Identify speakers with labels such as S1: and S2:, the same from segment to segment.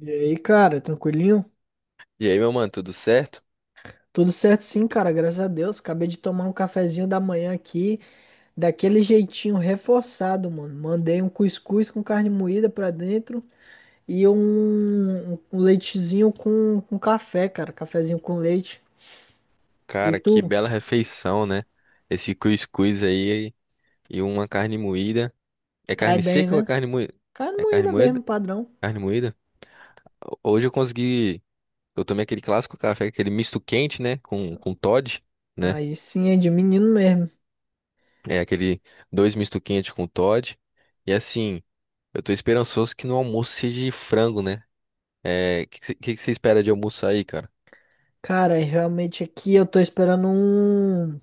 S1: E aí, cara, tranquilinho?
S2: E aí, meu mano, tudo certo?
S1: Tudo certo sim, cara, graças a Deus. Acabei de tomar um cafezinho da manhã aqui, daquele jeitinho reforçado, mano. Mandei um cuscuz com carne moída pra dentro e um leitezinho com café, cara. Cafezinho com leite. E
S2: Cara, que
S1: tu?
S2: bela refeição, né? Esse cuscuz aí e uma carne moída. É
S1: Cai
S2: carne
S1: bem,
S2: seca ou é
S1: né?
S2: carne moída?
S1: Carne
S2: É carne
S1: moída
S2: moída?
S1: mesmo, padrão.
S2: Carne moída? Hoje eu consegui. Eu tomei aquele clássico café, aquele misto quente, né? Com Toddy, né?
S1: Aí sim, é de menino mesmo.
S2: É aquele dois misto quente com Toddy. E assim, eu tô esperançoso que no almoço seja de frango, né? É, que você espera de almoço aí, cara?
S1: Cara, realmente aqui eu tô esperando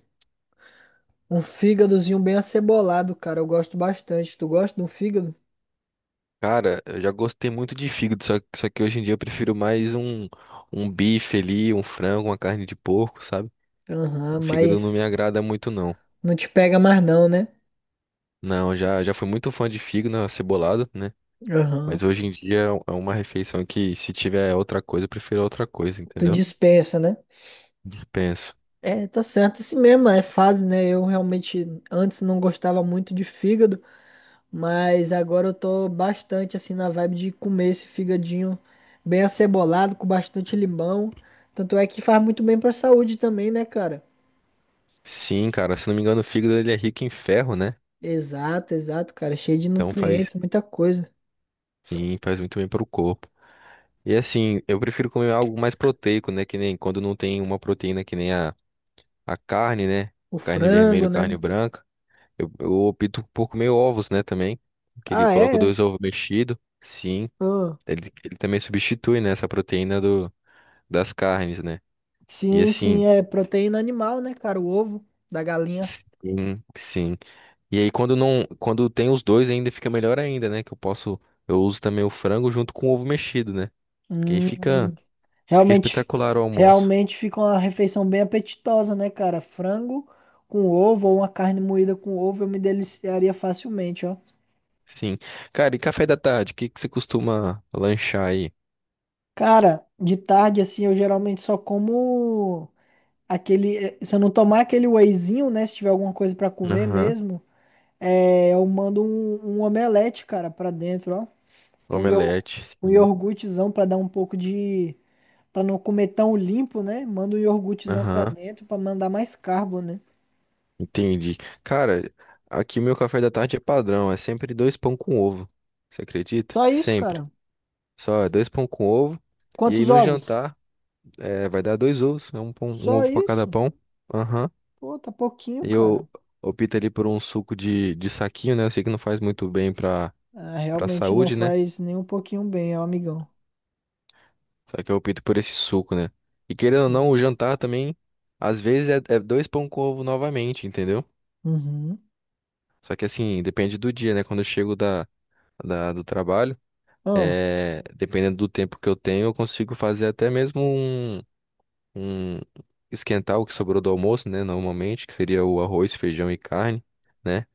S1: um fígadozinho bem acebolado, cara. Eu gosto bastante. Tu gosta de um fígado?
S2: Cara, eu já gostei muito de fígado, só que hoje em dia eu prefiro mais um bife ali, um frango, uma carne de porco, sabe?
S1: Aham,
S2: O fígado não me
S1: mas
S2: agrada muito, não.
S1: não te pega mais não, né?
S2: Não, já fui muito fã de fígado acebolado, né?
S1: Aham.
S2: Mas hoje em dia é uma refeição que, se tiver outra coisa, eu prefiro outra coisa,
S1: Tu
S2: entendeu?
S1: dispensa, né?
S2: Dispenso.
S1: É, tá certo, assim mesmo, é fase, né? Eu realmente antes não gostava muito de fígado, mas agora eu tô bastante assim na vibe de comer esse fígadinho bem acebolado, com bastante limão. Tanto é que faz muito bem pra saúde também, né, cara?
S2: Sim, cara, se não me engano, o fígado ele é rico em ferro, né?
S1: Exato, exato, cara. Cheio de
S2: Então faz,
S1: nutrientes, muita coisa.
S2: sim, faz muito bem pro corpo. E assim, eu prefiro comer algo mais proteico, né? Que nem quando não tem uma proteína que nem a carne, né?
S1: O
S2: Carne
S1: frango,
S2: vermelha, carne
S1: né?
S2: branca. Eu opto por comer ovos, né, também. Que ele
S1: Ah,
S2: coloca
S1: é?
S2: dois ovos mexidos. Sim,
S1: Ah,
S2: ele também substitui, né, essa proteína do, das carnes, né? E
S1: sim, sim,
S2: assim,
S1: é proteína animal, né, cara? O ovo da galinha.
S2: sim, sim. E aí quando não, quando tem os dois ainda fica melhor ainda, né? Que eu posso, eu uso também o frango junto com o ovo mexido, né? Que aí
S1: Hum,
S2: fica
S1: realmente, fi-
S2: espetacular o almoço.
S1: realmente fica uma refeição bem apetitosa, né, cara? Frango com ovo ou uma carne moída com ovo, eu me deliciaria facilmente, ó.
S2: Sim. Cara, e café da tarde, o que que você costuma lanchar aí?
S1: Cara, de tarde, assim, eu geralmente só como aquele. Se eu não tomar aquele wheyzinho, né? Se tiver alguma coisa pra comer
S2: Aham.
S1: mesmo, é, eu mando um omelete, cara, pra dentro, ó. Com, ior,
S2: Omelete,
S1: com
S2: sim.
S1: iogurtezão pra dar um pouco de. Pra não comer tão limpo, né? Manda um iogurtezão pra
S2: Aham.
S1: dentro pra mandar mais carbo, né?
S2: Entendi. Cara, aqui meu café da tarde é padrão, é sempre dois pão com ovo. Você acredita?
S1: Só isso,
S2: Sempre.
S1: cara?
S2: Só é dois pão com ovo. E aí
S1: Quantos
S2: no
S1: ovos?
S2: jantar é, vai dar dois ovos, né? Um
S1: Só
S2: ovo pra cada
S1: isso?
S2: pão. Aham.
S1: Pô, tá pouquinho,
S2: E
S1: cara.
S2: eu opto ali por um suco de saquinho, né? Eu sei que não faz muito bem pra,
S1: Ah,
S2: pra
S1: realmente não
S2: saúde, né?
S1: faz nem um pouquinho bem, ó, amigão.
S2: Só que eu opto por esse suco, né? E querendo ou não, o jantar também, às vezes é dois pão com ovo novamente, entendeu?
S1: Uhum.
S2: Só que assim, depende do dia, né? Quando eu chego do trabalho.
S1: Ah,
S2: É, dependendo do tempo que eu tenho, eu consigo fazer até mesmo um- esquentar o que sobrou do almoço, né? Normalmente, que seria o arroz, feijão e carne, né?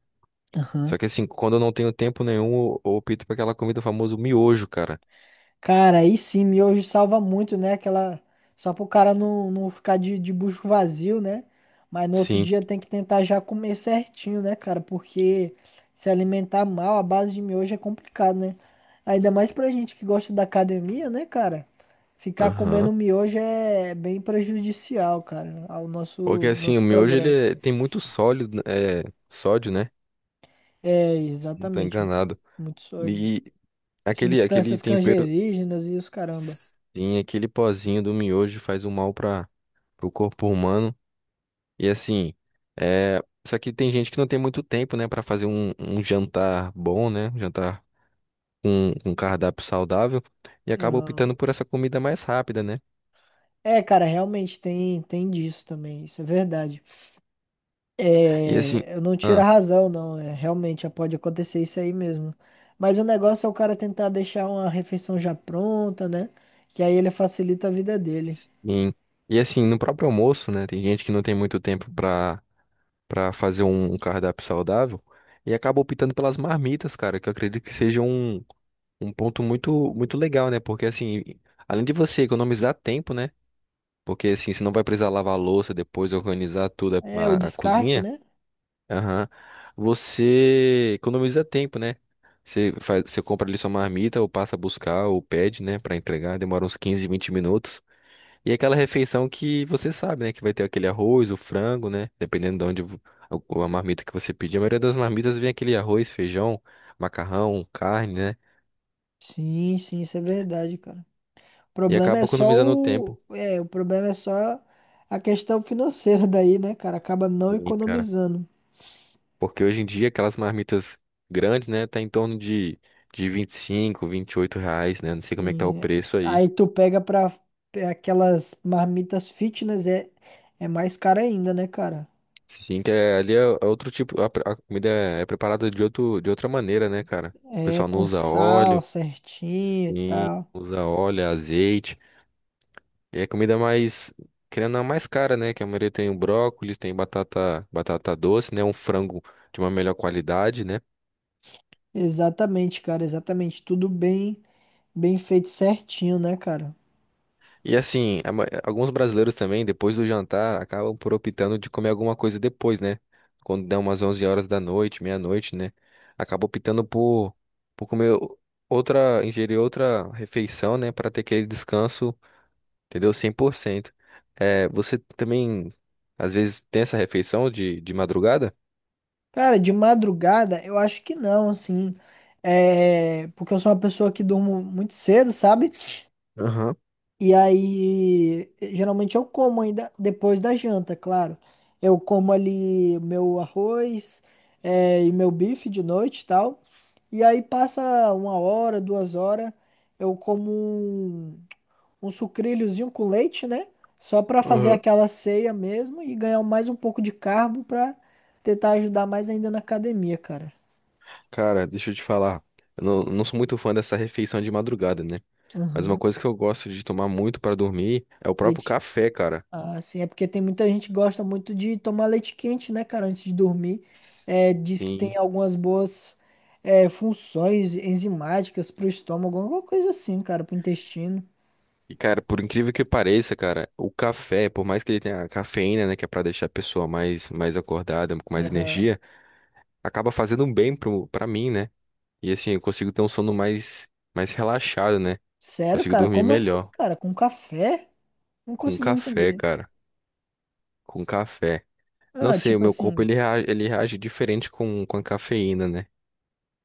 S1: aham.
S2: Só que assim, quando eu não tenho tempo nenhum, eu opto por aquela comida famosa, o miojo, cara.
S1: Cara, aí sim, miojo salva muito, né? Aquela. Só pro cara não ficar de bucho vazio, né? Mas no outro
S2: Sim.
S1: dia tem que tentar já comer certinho, né, cara? Porque se alimentar mal, a base de miojo é complicado, né? Ainda mais pra gente que gosta da academia, né, cara? Ficar
S2: Aham.
S1: comendo miojo é bem prejudicial, cara, ao
S2: Porque
S1: nosso,
S2: assim, o
S1: nosso
S2: miojo ele
S1: progresso.
S2: tem muito sólido, né, é, sódio, né?
S1: É,
S2: Se não tô
S1: exatamente.
S2: enganado.
S1: Muito sódio.
S2: E aquele
S1: Substâncias
S2: tempero,
S1: cancerígenas e os caramba.
S2: sim, aquele pozinho do miojo faz um mal para o corpo humano. E assim, é... só que tem gente que não tem muito tempo, né, pra fazer um jantar bom, né? Um jantar com um cardápio saudável e acaba
S1: Aham.
S2: optando por essa comida mais rápida, né?
S1: É, cara, realmente tem disso também, isso é verdade.
S2: E assim,
S1: É, eu não tiro a
S2: ah,
S1: razão, não, é, realmente pode acontecer isso aí mesmo. Mas o negócio é o cara tentar deixar uma refeição já pronta, né? Que aí ele facilita a vida dele.
S2: sim. E assim, no próprio almoço, né? Tem gente que não tem muito tempo pra para fazer um cardápio saudável e acaba optando pelas marmitas, cara, que eu acredito que seja um ponto muito legal, né? Porque assim, além de você economizar tempo, né? Porque assim, você não vai precisar lavar a louça depois, organizar tudo
S1: É, o descarte,
S2: cozinha.
S1: né?
S2: Aham. Você economiza tempo, né? Você faz, você compra ali sua marmita, ou passa a buscar, ou pede, né, pra entregar. Demora uns 15 20 minutos. E é aquela refeição que você sabe, né, que vai ter aquele arroz, o frango, né, dependendo de onde a marmita que você pedir. A maioria das marmitas vem aquele arroz, feijão, macarrão, carne, né?
S1: Sim, sim, isso é verdade, cara. O
S2: E
S1: problema
S2: acaba
S1: é só
S2: economizando o tempo.
S1: o, é, o problema é só a questão financeira daí, né, cara? Acaba não
S2: Sim, cara.
S1: economizando.
S2: Porque hoje em dia aquelas marmitas grandes, né, tá em torno de vinte 25, R$ 28, né? Não sei como é que tá o
S1: E
S2: preço aí.
S1: aí tu pega pra aquelas marmitas fitness, é, é mais cara ainda, né, cara?
S2: Sim, que é, ali é outro tipo, a comida é preparada de outro, de outra maneira, né, cara? O
S1: É
S2: pessoal não
S1: com
S2: usa
S1: sal
S2: óleo,
S1: certinho e
S2: sim,
S1: tal.
S2: usa óleo, é azeite. E é comida mais, querendo a mais cara, né? Que a maioria tem o brócolis, tem batata, batata doce, né? Um frango de uma melhor qualidade, né?
S1: Exatamente, cara, exatamente. Tudo bem, bem feito certinho, né, cara?
S2: E assim, alguns brasileiros também, depois do jantar, acabam por optando de comer alguma coisa depois, né? Quando dá umas 11 horas da noite, meia-noite, né? Acaba optando por comer ingerir outra refeição, né? Para ter aquele descanso, entendeu? 100%. É, você também, às vezes, tem essa refeição de madrugada?
S1: Cara, de madrugada, eu acho que não, assim. É, porque eu sou uma pessoa que durmo muito cedo, sabe?
S2: Aham,
S1: E aí, geralmente eu como ainda depois da janta, claro. Eu como ali meu arroz, e meu bife de noite e tal. E aí passa uma hora, duas horas, eu como um sucrilhozinho com leite, né? Só pra fazer
S2: aham.
S1: aquela ceia mesmo e ganhar mais um pouco de carbo pra tentar ajudar mais ainda na academia, cara.
S2: Cara, deixa eu te falar. Eu não sou muito fã dessa refeição de madrugada, né? Mas uma
S1: Aham.
S2: coisa que eu gosto de tomar muito para dormir é o próprio
S1: Leite.
S2: café, cara.
S1: Ah, sim, é porque tem muita gente que gosta muito de tomar leite quente, né, cara, antes de dormir. É, diz que tem
S2: Sim.
S1: algumas boas funções enzimáticas pro estômago, alguma coisa assim, cara, pro intestino.
S2: E, cara, por incrível que pareça, cara, o café, por mais que ele tenha a cafeína, né, que é pra deixar a pessoa mais acordada, com mais
S1: Aham.
S2: energia, acaba fazendo um bem pro, pra mim, né? E assim, eu consigo ter um sono mais relaxado, né?
S1: Sério,
S2: Consigo
S1: cara?
S2: dormir
S1: Como assim,
S2: melhor.
S1: cara? Com café? Não
S2: Com
S1: consegui
S2: café,
S1: entender.
S2: cara. Com café. Não
S1: Ah,
S2: sei, o
S1: tipo
S2: meu corpo
S1: assim,
S2: ele reage diferente com a cafeína, né?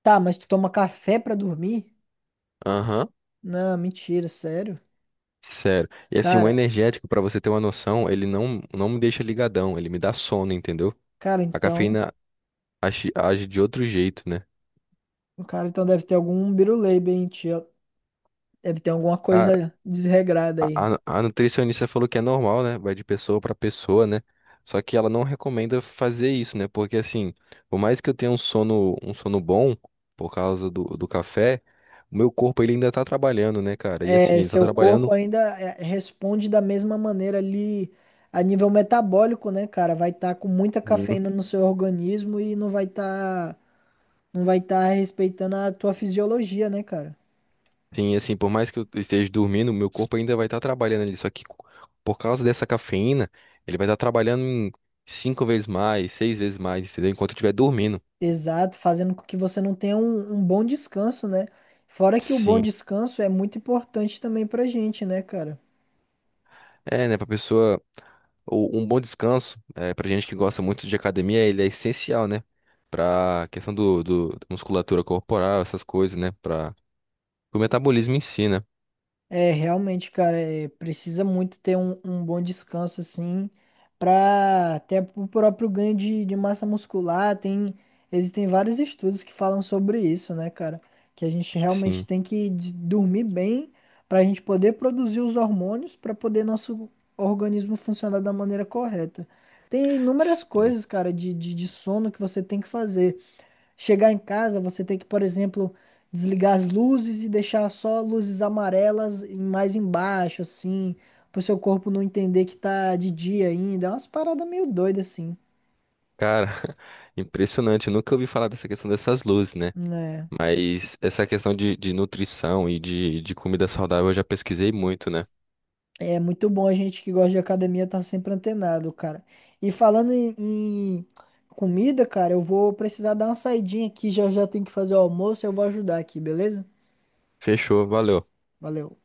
S1: tá, mas tu toma café pra dormir?
S2: Aham.
S1: Não, mentira, sério.
S2: Sério. E assim, o
S1: Cara,
S2: energético, pra você ter uma noção, ele não me deixa ligadão, ele me dá sono, entendeu?
S1: cara,
S2: A
S1: então,
S2: cafeína age de outro jeito, né?
S1: o cara então deve ter algum biruleibe aí em ti, ó. Deve ter alguma
S2: Cara,
S1: coisa desregrada aí.
S2: a nutricionista falou que é normal, né? Vai de pessoa pra pessoa, né? Só que ela não recomenda fazer isso, né? Porque assim, por mais que eu tenha um sono bom por causa do café, o meu corpo ele ainda tá trabalhando, né, cara? E assim,
S1: É,
S2: ele tá
S1: seu corpo
S2: trabalhando.
S1: ainda é, responde da mesma maneira ali a nível metabólico, né, cara? Vai estar com muita
S2: Sim,
S1: cafeína no seu organismo e não vai estar respeitando a tua fisiologia, né, cara?
S2: sim, assim, por mais que eu esteja dormindo, o meu corpo ainda vai estar trabalhando ali. Só que por causa dessa cafeína, ele vai estar trabalhando em cinco vezes mais, seis vezes mais, entendeu? Enquanto eu estiver dormindo.
S1: Exato, fazendo com que você não tenha um bom descanso, né? Fora que o bom
S2: Sim.
S1: descanso é muito importante também pra gente, né, cara?
S2: É, né, pra pessoa. Um bom descanso, é, pra gente que gosta muito de academia, ele é essencial, né? Pra questão da musculatura corporal, essas coisas, né? Pra o metabolismo em si, né?
S1: É, realmente, cara, é, precisa muito ter um bom descanso, assim, para até o próprio ganho de massa muscular. Tem, existem vários estudos que falam sobre isso, né, cara? Que a gente realmente
S2: Sim,
S1: tem que dormir bem para a gente poder produzir os hormônios para poder nosso organismo funcionar da maneira correta. Tem inúmeras
S2: sim.
S1: coisas, cara, de sono que você tem que fazer. Chegar em casa, você tem que, por exemplo, desligar as luzes e deixar só luzes amarelas mais embaixo, assim, pro seu corpo não entender que tá de dia ainda. É umas paradas meio doidas, assim,
S2: Cara, impressionante. Eu nunca ouvi falar dessa questão dessas luzes, né?
S1: né?
S2: Mas essa questão de nutrição e de comida saudável eu já pesquisei muito, né?
S1: É muito bom a gente que gosta de academia tá sempre antenado, cara. E falando em comida, cara, eu vou precisar dar uma saidinha aqui, já já tem que fazer o almoço, eu vou ajudar aqui, beleza?
S2: Fechou, valeu.
S1: Valeu.